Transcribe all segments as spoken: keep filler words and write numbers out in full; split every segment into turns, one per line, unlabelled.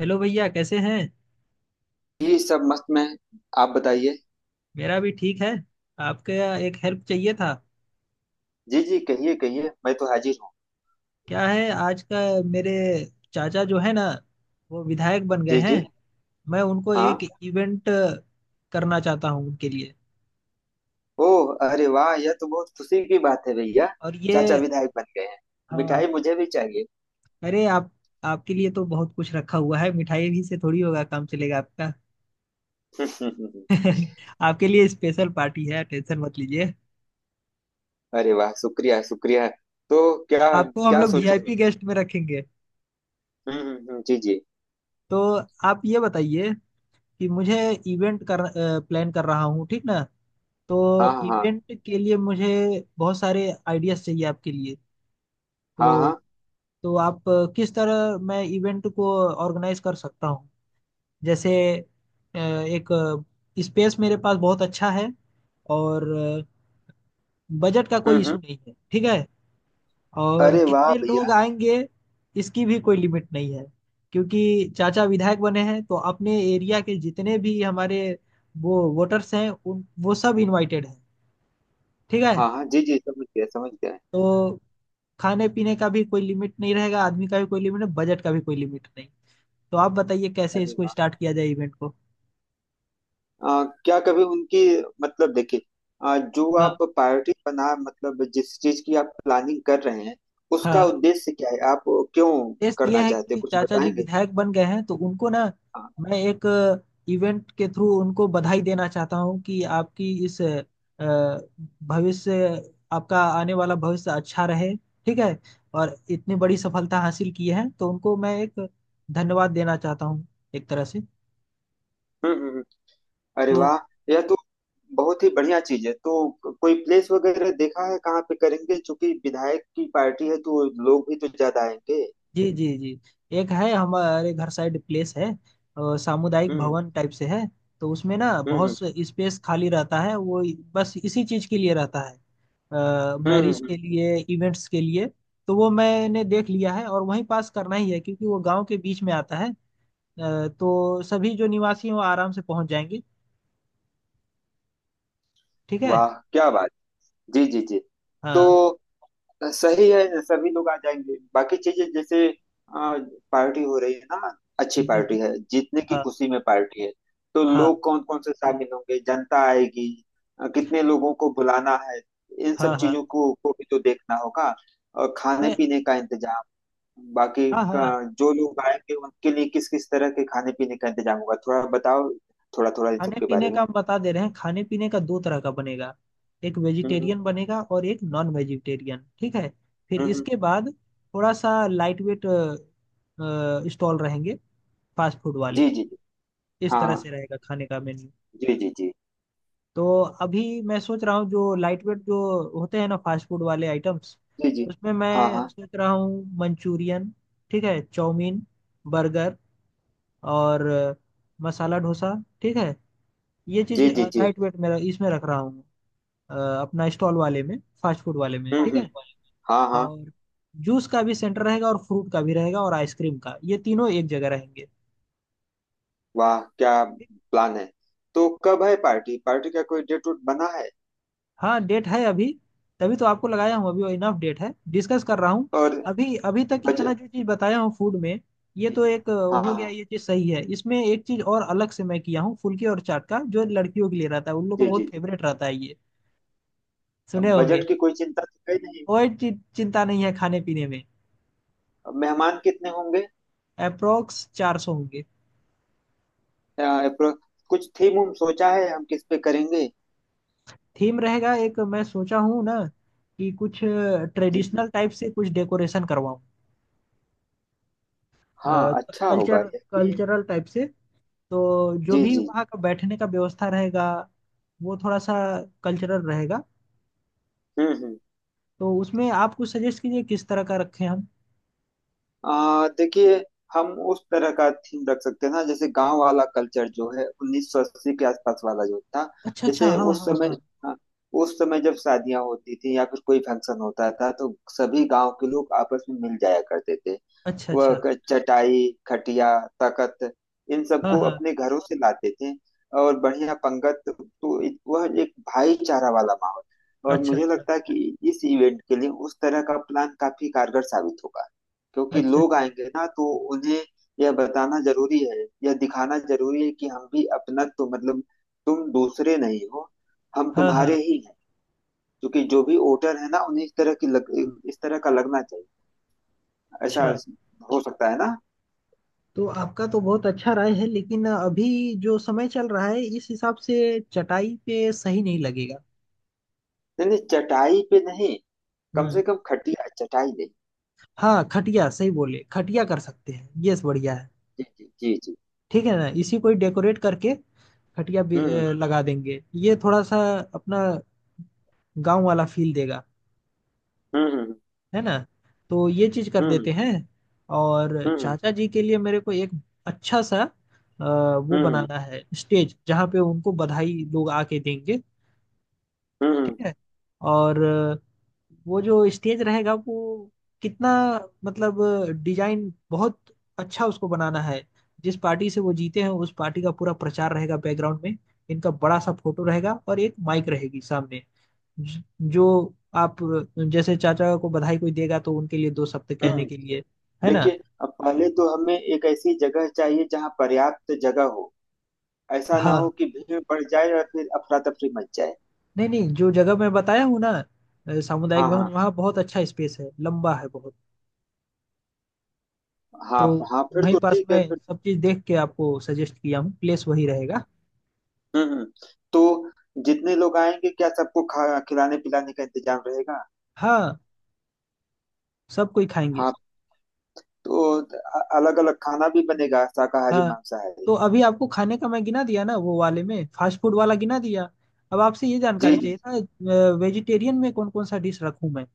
Hello भैया, कैसे हैं।
जी सब मस्त में। आप बताइए।
मेरा भी ठीक है। आपका? एक हेल्प चाहिए था।
जी जी, कहिए कहिए, मैं तो हाजिर हूँ।
क्या है आज का, मेरे चाचा जो है ना, वो विधायक बन गए
जी
हैं।
जी।
मैं उनको
हाँ।
एक इवेंट करना चाहता हूँ उनके लिए।
ओह, अरे वाह, यह तो बहुत खुशी की बात है भैया।
और
चाचा
ये
विधायक बन गए हैं?
हाँ,
मिठाई मुझे भी चाहिए।
अरे आप, आपके लिए तो बहुत कुछ रखा हुआ है, मिठाई भी से थोड़ी होगा, काम चलेगा आपका। आपके लिए स्पेशल पार्टी है, टेंशन मत लीजिए।
अरे वाह, शुक्रिया शुक्रिया। तो क्या
आपको हम
क्या
लोग
सोच रहे
वीआईपी
हैं?
गेस्ट में रखेंगे।
हम्म हम्म, हम्म, जी जी।
तो आप ये बताइए कि मुझे इवेंट कर प्लान कर रहा हूँ, ठीक ना। तो
हाँ हाँ
इवेंट के लिए मुझे बहुत सारे आइडियाज चाहिए आपके लिए।
हाँ हाँ
तो
हाँ।
तो आप अ, किस तरह मैं इवेंट को ऑर्गेनाइज कर सकता हूँ। जैसे अ, एक स्पेस मेरे पास बहुत अच्छा है। और बजट का
हम्म
कोई
हम्म।
इशू नहीं है, ठीक है। और
अरे वाह
कितने
भैया।
लोग आएंगे, इसकी भी कोई लिमिट नहीं है। क्योंकि चाचा विधायक बने हैं तो अपने एरिया के जितने भी हमारे वो वोटर्स हैं, उन वो सब इनवाइटेड हैं, ठीक है।
हाँ हाँ जी जी, समझ गया समझ गया।
तो खाने पीने का भी कोई लिमिट नहीं रहेगा, आदमी का भी कोई लिमिट नहीं, बजट का भी कोई लिमिट नहीं। तो आप बताइए कैसे
अरे
इसको
वाह।
स्टार्ट किया जाए इवेंट को।
आ, क्या कभी उनकी मतलब देखिए, आ, जो आप
हाँ
प्रायोरिटी बना मतलब जिस चीज की आप प्लानिंग कर रहे हैं, उसका
हाँ।
उद्देश्य क्या है? आप क्यों
टेस्ट ये
करना
है
चाहते हैं
कि
कुछ
चाचा जी
बताएंगे?
विधायक बन गए हैं तो उनको ना,
हाँ।
मैं एक इवेंट के थ्रू उनको बधाई देना चाहता हूँ कि आपकी इस अ, भविष्य, आपका आने वाला भविष्य अच्छा रहे, ठीक है। और इतनी बड़ी सफलता हासिल की है तो उनको मैं एक धन्यवाद देना चाहता हूँ, एक तरह से।
हम्म हम्म हम्म। अरे
तो
वाह, यह तो बहुत ही बढ़िया चीज है। तो कोई प्लेस वगैरह देखा है कहाँ पे करेंगे, क्योंकि विधायक की पार्टी है तो लोग भी तो ज्यादा आएंगे।
जी जी जी, एक है हमारे घर साइड प्लेस है। अ, सामुदायिक
हम्म।
भवन टाइप से है। तो उसमें ना
हम्म
बहुत
हम्म।
स्पेस खाली रहता है। वो बस इसी चीज के लिए रहता है,
हम्म हम्म,
मैरिज
हम्म।
के लिए, इवेंट्स के लिए। तो वो मैंने देख लिया है और वहीं पास करना ही है, क्योंकि वो गांव के बीच में आता है। अ, तो सभी जो निवासी हैं वो आराम से पहुंच जाएंगे, ठीक है।
वाह क्या बात। जी जी जी। तो
हाँ
सही है, सभी लोग आ जाएंगे। बाकी चीजें जैसे अ, पार्टी हो रही है ना, अच्छी
जी जी।
पार्टी है, जीतने की
हाँ
खुशी में पार्टी है, तो
हाँ
लोग कौन कौन से शामिल होंगे, जनता आएगी। अ, कितने लोगों को बुलाना है, इन
हाँ
सब
हाँ।
चीजों को, को भी तो देखना होगा। और
तो
खाने पीने का इंतजाम, बाकी
हाँ हाँ।
का, जो लोग आएंगे उनके लिए किस किस तरह के खाने पीने का इंतजाम होगा, थोड़ा बताओ। थोड़ा थोड़ा इन सब
खाने
के
पीने
बारे में।
का हम बता दे रहे हैं, खाने पीने का दो तरह का बनेगा। एक
हम्म।
वेजिटेरियन बनेगा और एक नॉन वेजिटेरियन, ठीक है। फिर
हम्म हम्म,
इसके बाद थोड़ा सा लाइट वेट स्टॉल रहेंगे, फास्ट फूड वाले।
जी जी जी,
इस
हाँ
तरह
हाँ,
से रहेगा खाने का मेन्यू।
जी जी जी
तो अभी मैं सोच रहा हूँ जो लाइट वेट जो होते हैं ना फास्ट फूड वाले आइटम्स,
जी। जी
उसमें
हाँ
मैं
हाँ।
सोच रहा हूँ मंचूरियन, ठीक है, चाउमीन, बर्गर और अ, मसाला डोसा, ठीक है। ये चीज
जी जी जी।
लाइट वेट में इसमें रख रहा हूँ, अ, अपना स्टॉल वाले में, फास्ट फूड वाले में,
हम्म
ठीक
हम्म।
है।
हाँ हाँ।
और जूस का भी सेंटर रहेगा और फ्रूट का भी रहेगा और आइसक्रीम का, ये तीनों एक जगह रहेंगे,
वाह, क्या
ठीक?
प्लान है। तो कब है पार्टी? पार्टी का कोई डेट वोट बना है?
हाँ डेट है अभी, तभी तो आपको लगाया हूँ। अभी इनफ डेट है, डिस्कस कर रहा हूँ।
और
अभी अभी तक इतना
बजट?
जो चीज़ बताया हूँ फूड में, ये
जी
तो
जी।
एक अ,
हाँ
हो गया,
हाँ
ये चीज़ सही है। इसमें एक चीज़ और अलग से मैं किया हूँ फुल्की और चाट का, जो लड़कियों के लिए रहता है, उन लोग को
जी जी
बहुत
जी।
फेवरेट रहता है ये, सुने होंगे।
बजट की कोई चिंता तो है नहीं।
कोई चि- चिंता नहीं है खाने पीने में।
मेहमान कितने होंगे?
अप्रोक्स चार सौ होंगे।
अ, apro- कुछ थीम उम सोचा है हम किस पे करेंगे?
थीम रहेगा एक, मैं सोचा हूँ ना कि कुछ
जी जी।
ट्रेडिशनल टाइप से कुछ डेकोरेशन करवाऊँ,
हाँ, अच्छा होगा
कल्चर
ये कि-
कल्चरल टाइप से। तो जो
जी
भी
जी।
वहाँ का बैठने का व्यवस्था रहेगा वो थोड़ा सा कल्चरल रहेगा।
हम्म हम्म।
तो उसमें आप कुछ सजेस्ट कीजिए किस तरह का रखें हम।
आ, देखिए, हम उस तरह का थीम रख सकते हैं ना, जैसे गांव वाला कल्चर जो है उन्नीस सौ अस्सी के आसपास वाला जो था।
अच्छा अच्छा,
जैसे
हाँ हाँ
उस
हाँ हाँ।
समय, हाँ, उस समय जब शादियां होती थी या फिर कोई फंक्शन होता था तो सभी गांव के लोग आपस में मिल जाया करते थे।
अच्छा
वह
अच्छा।
क- चटाई, खटिया, तखत, इन
हाँ
सबको
हाँ।
अपने घरों से लाते थे। और बढ़िया पंगत, तो इत- वह एक भाईचारा वाला माहौल। और
अच्छा
मुझे
अच्छा।
लगता है कि इस इवेंट के लिए उस तरह का प्लान काफी कारगर साबित होगा। क्योंकि
अच्छा
लोग
अच्छा।
आएंगे ना, तो उन्हें यह बताना जरूरी है, यह दिखाना जरूरी है कि हम भी अपना, तो मतलब तुम दूसरे नहीं हो, हम
हाँ हाँ।
तुम्हारे ही हैं। क्योंकि जो भी वोटर है ना, उन्हें इस तरह की लग, इस तरह का लगना चाहिए। ऐसा
अच्छा।
हो सकता है ना।
तो आपका तो बहुत अच्छा राय है, लेकिन अभी जो समय चल रहा है इस हिसाब से चटाई पे सही नहीं लगेगा।
नहीं नहीं, चटाई पे नहीं। कम से
हम्म।
कम खटिया, चटाई नहीं।
हाँ खटिया सही बोले, खटिया कर सकते हैं, यस, बढ़िया है।
जी जी जी जी।
ठीक है ना, इसी को ही डेकोरेट करके खटिया भी
हम्म
अ, लगा देंगे। ये थोड़ा सा अपना गांव वाला फील देगा,
हम्म
है ना। तो ये चीज कर देते
हम्म
हैं। और
हम्म
चाचा जी के लिए मेरे को एक अच्छा सा अ, वो
हम्म हम्म हम्म
बनाना है, स्टेज जहाँ पे उनको बधाई लोग आके देंगे,
हम्म हम्म,
ठीक है। और वो जो स्टेज रहेगा वो कितना, मतलब डिजाइन बहुत अच्छा उसको बनाना है। जिस पार्टी से वो जीते हैं उस पार्टी का पूरा प्रचार रहेगा बैकग्राउंड में। इनका बड़ा सा फोटो रहेगा और एक माइक रहेगी सामने। ज- जो आप, जैसे चाचा को बधाई कोई देगा तो उनके लिए दो शब्द कहने
हम्म।
के लिए, है ना।
देखिए, अब पहले तो हमें एक ऐसी जगह चाहिए जहाँ पर्याप्त जगह हो। ऐसा ना हो
हाँ।
कि भीड़ बढ़ जाए और फिर अफरा तफरी मच जाए।
नहीं नहीं, जो जगह मैं बताया हूँ ना, अ, सामुदायिक
हाँ
भवन,
हाँ।
वहाँ बहुत अच्छा स्पेस है, लंबा है बहुत।
हाँ
तो
हाँ, फिर
वहीं
तो
पास
ठीक है
मैं
फिर।
सब चीज देख के आपको सजेस्ट किया हूँ, प्लेस वही रहेगा।
हम्म हम्म। तो जितने लोग आएंगे, क्या सबको खा खिलाने पिलाने का इंतजाम रहेगा?
हाँ, सब कोई खाएंगे।
हाँ। तो अलग अलग खाना भी बनेगा, शाकाहारी
हाँ, तो
मांसाहारी?
अभी आपको खाने का मैं गिना दिया ना, वो वाले में फास्ट फूड वाला गिना दिया। अब आपसे ये
जी
जानकारी
जी।
चाहिए था, वेजिटेरियन में कौन कौन सा डिश रखूं मैं,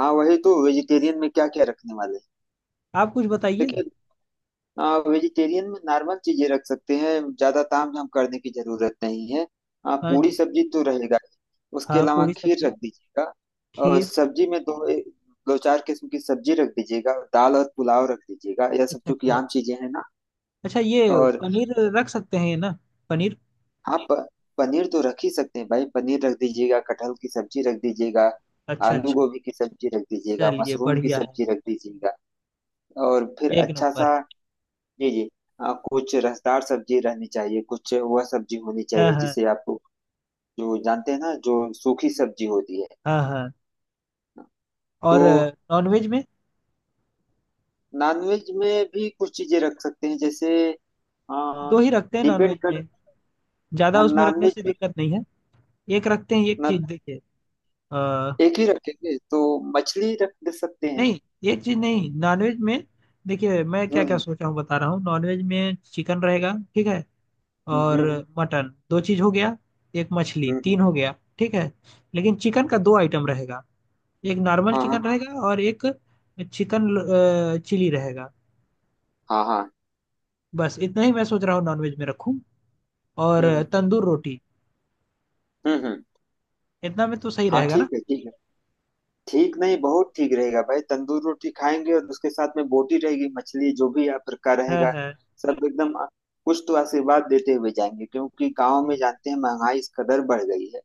हाँ, वही तो, वेजिटेरियन में क्या क्या रखने वाले हैं?
आप कुछ बताइए।
देखिए, आ, वेजिटेरियन में नॉर्मल चीजें रख सकते हैं, ज्यादा ताम झाम करने की जरूरत नहीं है। आ,
हाँ
पूरी
जी,
सब्जी तो रहेगा ही। उसके
हाँ
अलावा
पूरी
खीर रख
सब्जी,
दीजिएगा। और
खीर।
सब्जी में दो, ए- दो चार किस्म की सब्जी रख दीजिएगा, दाल और पुलाव रख दीजिएगा, यह सब
अच्छा
चूंकि
अच्छा।
आम चीजें हैं ना।
अच्छा ये
और
पनीर रख सकते हैं ना, पनीर।
हाँ, प, पनीर तो रख ही सकते हैं भाई। पनीर रख दीजिएगा, कटहल की सब्जी रख दीजिएगा,
अच्छा
आलू
अच्छा।
गोभी की सब्जी रख दीजिएगा,
चलिए
मशरूम की
बढ़िया है,
सब्जी रख दीजिएगा। और फिर
एक
अच्छा सा।
नंबर।
जी जी। आ, कुछ रसदार सब्जी रहनी चाहिए, कुछ वह सब्जी होनी
हाँ
चाहिए
हाँ।
जिसे आप जो जानते हैं ना, जो सूखी सब्जी होती है।
हाँ हाँ।
तो
और नॉनवेज में
नॉनवेज में भी कुछ चीजें रख सकते हैं, जैसे आ,
दो ही रखते हैं
डिपेंड
नॉनवेज
कर,
में, ज्यादा उसमें रखने
नॉनवेज
से
में,
दिक्कत नहीं है। एक रखते हैं, एक
ना,
चीज देखिए,
एक ही रखेंगे तो मछली रख दे सकते हैं।
नहीं एक चीज नहीं नॉनवेज में। देखिए मैं क्या क्या
हम्म
सोचा हूँ बता रहा हूँ, नॉनवेज में चिकन रहेगा ठीक है
हम्म
और
हम्म
मटन, दो चीज हो गया, एक मछली,
हम्म, हम्म,
तीन हो गया, ठीक है। लेकिन चिकन का दो आइटम रहेगा, एक नॉर्मल
हाँ
चिकन
हाँ
रहेगा और एक चिकन अ, चिली रहेगा।
हाँ हाँ।
बस इतना ही मैं सोच रहा हूँ नॉनवेज में रखूँ। और
हम्म
तंदूर रोटी,
हम्म हम्म,
इतना में तो सही
हाँ
रहेगा ना।
ठीक है ठीक है। ठीक नहीं, बहुत ठीक रहेगा भाई। तंदूर रोटी खाएंगे और उसके साथ में बोटी रहेगी, मछली, जो भी आप का
है
रहेगा।
है।
सब एकदम आ- कुछ तो आशीर्वाद देते हुए जाएंगे, क्योंकि गांव में जानते हैं महंगाई इस कदर बढ़ गई है।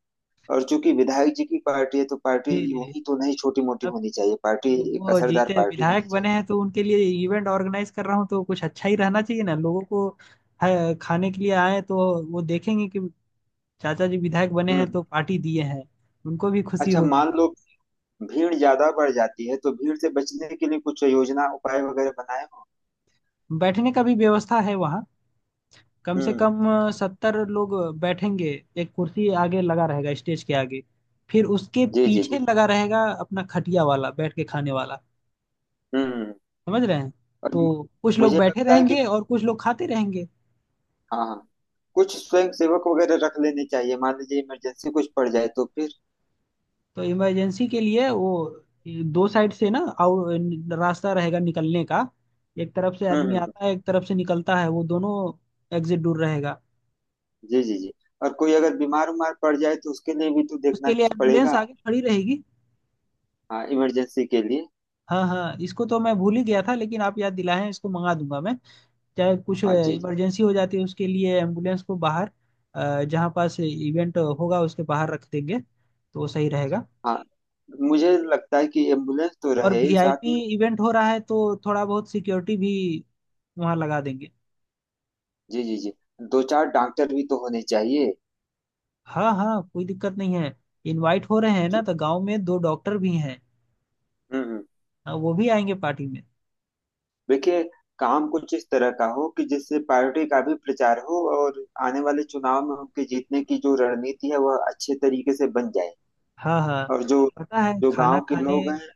और चूंकि विधायक जी की पार्टी है तो पार्टी
जी
यूं
जी।
ही तो नहीं, छोटी मोटी होनी चाहिए, पार्टी
वो
एक
वो
असरदार
जीते
पार्टी होनी
विधायक बने
चाहिए।
हैं तो उनके लिए इवेंट ऑर्गेनाइज कर रहा हूँ, तो कुछ अच्छा ही रहना चाहिए ना, लोगों को अ, खाने के लिए आए तो वो देखेंगे कि चाचा जी विधायक बने
हम्म।
हैं तो पार्टी दिए हैं, उनको भी खुशी
अच्छा
होगी।
मान लो, भीड़ ज्यादा बढ़ जाती है तो भीड़ से बचने के लिए कुछ योजना उपाय वगैरह बनाए हो?
बैठने का भी व्यवस्था है वहाँ, कम से
हम्म।
कम सत्तर लोग बैठेंगे। एक कुर्सी आगे लगा रहेगा स्टेज के आगे, फिर उसके
जी जी
पीछे
जी।
लगा रहेगा अपना खटिया वाला बैठ के खाने वाला,
हम्म।
समझ रहे हैं।
और
तो कुछ लोग
मुझे
बैठे
लगता है कि,
रहेंगे और कुछ लोग खाते रहेंगे।
हाँ हाँ, कुछ स्वयं सेवक वगैरह रख लेने चाहिए, मान लीजिए इमरजेंसी कुछ पड़ जाए तो फिर।
तो इमरजेंसी के लिए वो ये दो साइड से ना आउ रास्ता रहेगा निकलने का। एक तरफ से
हम्म
आदमी
हम्म,
आता है, एक तरफ से निकलता है, वो दोनों एग्जिट दूर रहेगा।
जी जी जी। और कोई अगर बीमार उमार पड़ जाए तो उसके लिए भी तो देखना
उसके लिए एम्बुलेंस
पड़ेगा।
आगे खड़ी रहेगी।
हाँ, इमरजेंसी के लिए।
हाँ हाँ, इसको तो मैं भूल ही गया था, लेकिन आप याद दिलाएं, इसको मंगा दूंगा मैं। चाहे कुछ
हाँ जी जी।
इमरजेंसी हो जाती है, उसके लिए एम्बुलेंस को बाहर, अ, जहाँ पास इवेंट होगा उसके बाहर रख देंगे तो वो सही रहेगा।
हाँ, मुझे लगता है कि एम्बुलेंस तो
और
रहे ही साथ
वीआईपी
में।
इवेंट हो रहा है तो थोड़ा बहुत सिक्योरिटी भी वहाँ लगा देंगे।
जी जी जी। दो चार डॉक्टर भी तो होने चाहिए।
हाँ हाँ कोई दिक्कत नहीं है, इनवाइट हो रहे हैं ना
जो-
तो गांव में दो डॉक्टर भी हैं।
हम्म, हम्म।
हाँ, वो भी आएंगे पार्टी में।
देखिए, काम कुछ इस तरह का हो कि जिससे पार्टी का भी प्रचार हो और आने वाले चुनाव में उनके जीतने की जो रणनीति है वह अच्छे तरीके से बन जाए।
हाँ हाँ।
और जो
पता है
जो
खाना
गांव के
खाने,
लोग
अ,
हैं।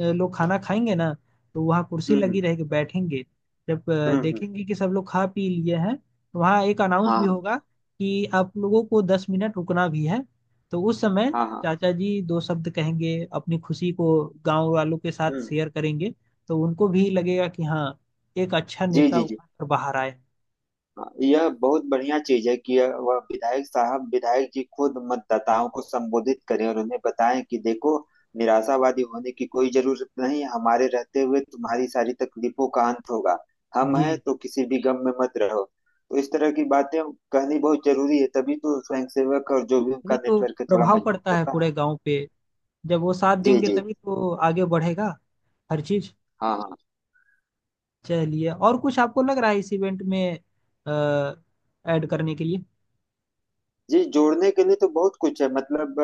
लोग खाना खाएंगे ना तो वहाँ कुर्सी
हम्म हम्म
लगी रहेगी, बैठेंगे। जब अ,
हम्म, हम्म,
देखेंगे कि सब लोग खा पी लिए हैं, तो वहाँ एक अनाउंस भी
हाँ
होगा कि आप लोगों को दस मिनट रुकना भी है। तो उस समय
हाँ हाँ।
चाचा जी दो शब्द कहेंगे, अपनी खुशी को गांव वालों के साथ
हम्म।
शेयर करेंगे। तो उनको भी लगेगा कि हाँ, एक अच्छा
जी
नेता
जी जी।
उभर कर बाहर आए।
हाँ, यह बहुत बढ़िया चीज है कि यह- वह विधायक साहब, विधायक जी खुद मतदाताओं को संबोधित करें और उन्हें बताएं कि देखो, निराशावादी होने की कोई जरूरत नहीं, हमारे रहते हुए तुम्हारी सारी तकलीफों का अंत होगा। हम
जी।
हैं तो किसी भी गम में मत रहो। तो इस तरह की बातें कहनी बहुत जरूरी है, तभी तो स्वयंसेवक और जो भी
तभी
उनका
तो
नेटवर्क है थोड़ा
प्रभाव
मजबूत
पड़ता है
होगा।
पूरे गांव पे, जब वो साथ
जी
देंगे
जी।
तभी तो आगे बढ़ेगा हर चीज।
हाँ हाँ।
चलिए, और कुछ आपको लग रहा है इस इवेंट में ऐड करने के लिए।
जी, जोड़ने के लिए तो बहुत कुछ है, मतलब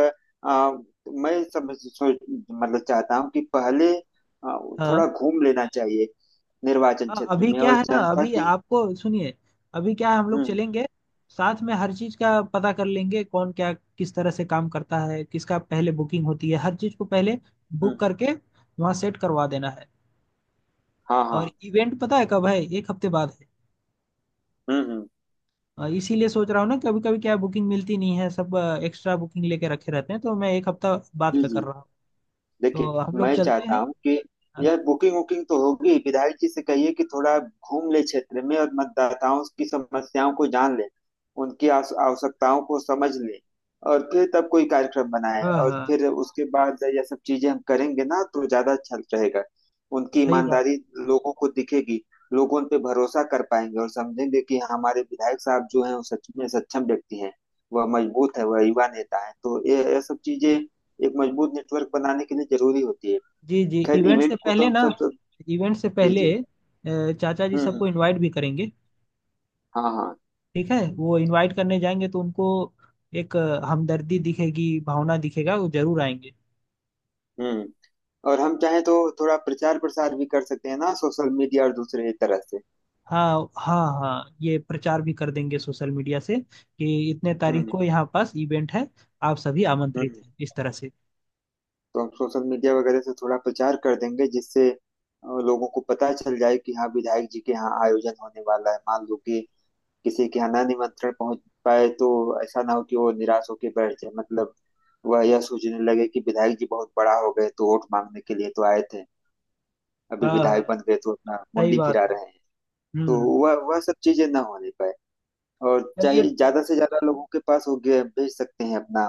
आ, मैं समझ सोच मतलब चाहता हूँ कि पहले आ, थोड़ा
हाँ
घूम लेना चाहिए निर्वाचन
हाँ,
क्षेत्र
अभी
में
क्या
और
है ना,
जनता
अभी
की।
आपको सुनिए। अभी क्या है, हम लोग
हम्म
चलेंगे साथ में, हर चीज का पता कर लेंगे, कौन क्या किस तरह से काम करता है, किसका पहले बुकिंग होती है, हर चीज को पहले बुक
हम्म।
करके वहाँ सेट करवा देना है।
हाँ
और
हाँ।
इवेंट पता है कब है, एक हफ्ते बाद।
हम्म हम्म।
अ, इसीलिए सोच रहा हूँ ना, कभी कभी क्या बुकिंग मिलती नहीं है, सब एक्स्ट्रा बुकिंग लेके रखे रहते हैं, तो मैं एक हफ्ता बाद
जी
का कर
जी।
रहा हूँ।
देखिए,
तो हम लोग
मैं
चलते
चाहता
हैं।
हूँ कि यह बुकिंग वुकिंग तो होगी, विधायक जी से कहिए कि थोड़ा घूम ले क्षेत्र में और मतदाताओं की समस्याओं को जान ले, उनकी आस- आवश्यकताओं को समझ ले। और फिर तब कोई कार्यक्रम बनाए,
हाँ
और
हाँ
फिर उसके बाद यह सब चीजें हम करेंगे ना, तो ज्यादा अच्छा रहेगा। उनकी
सही बात।
ईमानदारी लोगों को दिखेगी, लोग उन पे भरोसा कर पाएंगे और समझेंगे कि हमारे विधायक साहब जो हैं वो सच में सक्षम व्यक्ति हैं। वह मजबूत है, वह युवा नेता है, तो ये ये सब चीजें एक मजबूत नेटवर्क बनाने के लिए जरूरी होती है।
जी जी,
खैर,
इवेंट से
इवेंट को तो
पहले
हम
ना,
सब सब।
इवेंट से
जी
पहले
जी।
अ, चाचा जी
हम्म हम्म,
सबको इनवाइट भी करेंगे,
हाँ हाँ।
ठीक है। वो इनवाइट करने जाएंगे तो उनको एक अ, हमदर्दी दिखेगी, भावना दिखेगा, वो जरूर आएंगे।
हम्म। और हम चाहें तो थोड़ा प्रचार प्रसार भी कर सकते हैं ना, सोशल मीडिया और दूसरे तरह से।
हाँ हाँ हाँ, ये प्रचार भी कर देंगे सोशल मीडिया से कि इतने तारीख
हम्म
को यहाँ पास इवेंट है, आप सभी
हम्म।
आमंत्रित हैं, इस तरह से।
तो हम सोशल मीडिया वगैरह से थोड़ा प्रचार कर देंगे, जिससे अ, लोगों को पता चल जाए कि हाँ, विधायक जी के यहाँ आयोजन होने वाला है। मान लो कि किसी के यहाँ ना निमंत्रण पहुंच पाए तो ऐसा ना हो कि वो निराश होकर बैठ जाए, मतलब वह यह सोचने लगे कि विधायक जी बहुत बड़ा हो गए, तो वोट मांगने के लिए तो आए थे, अभी
हाँ हाँ
विधायक बन गए तो अपना
सही
मुंडी
बात
फिरा
है।
रहे हैं। तो
हम्म।
वह वह सब चीजें ना होने पाए। और चाहे
चलिए ठीक।
ज्यादा से ज्यादा लोगों के पास हो गया भेज सकते हैं अपना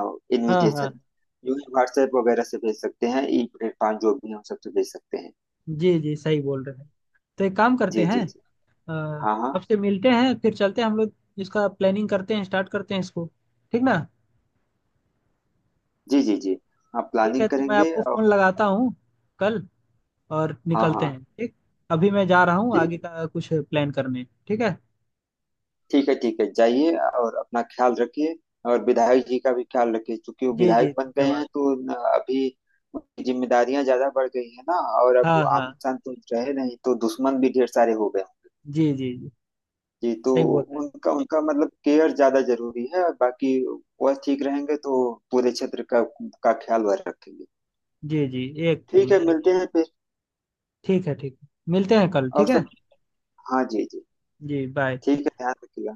हाँ हाँ।
इनविटेशन जो है, व्हाट्सएप वगैरह से भेज सकते हैं, ई प्लेटफॉर्म जो भी है उन सबसे भेज सकते हैं।
जी जी सही बोल रहे हैं। तो एक काम करते
जी
हैं,
जी जी।
अ,
हाँ हाँ।
आपसे मिलते हैं, फिर चलते हैं हम लोग, इसका प्लानिंग करते हैं, स्टार्ट करते हैं इसको, ठीक ना।
जी जी जी। हाँ,
ठीक है,
प्लानिंग
तो मैं
करेंगे
आपको
और।
फोन लगाता हूँ कल, और
हाँ
निकलते
हाँ।
हैं, ठीक। अभी मैं जा रहा हूँ
ठीक।
आगे का कुछ प्लान करने, ठीक है।
ठीक है ठीक है, जाइए और अपना ख्याल रखिए। और विधायक जी का भी ख्याल रखिए, क्योंकि वो
जी जी
विधायक बन गए
धन्यवाद।
हैं तो न- अभी उनकी जिम्मेदारियां ज्यादा बढ़ गई है ना। और अब
हाँ
वो
हाँ।
आम इंसान तो रहे नहीं, तो दुश्मन भी ढेर सारे हो गए होंगे।
जी जी जी,
जी, तो
सही बोल रहे हैं।
उनका उनका मतलब केयर ज्यादा जरूरी है। बाकी वह ठीक रहेंगे तो पूरे क्षेत्र का का ख्याल वह रखेंगे।
जी जी, एक
ठीक है,
एकदम एकदम।
मिलते हैं फिर।
ठीक है ठीक है, मिलते हैं कल,
और
ठीक है।
सब, हाँ जी जी।
जी बाय।
ठीक है, ध्यान रखिएगा।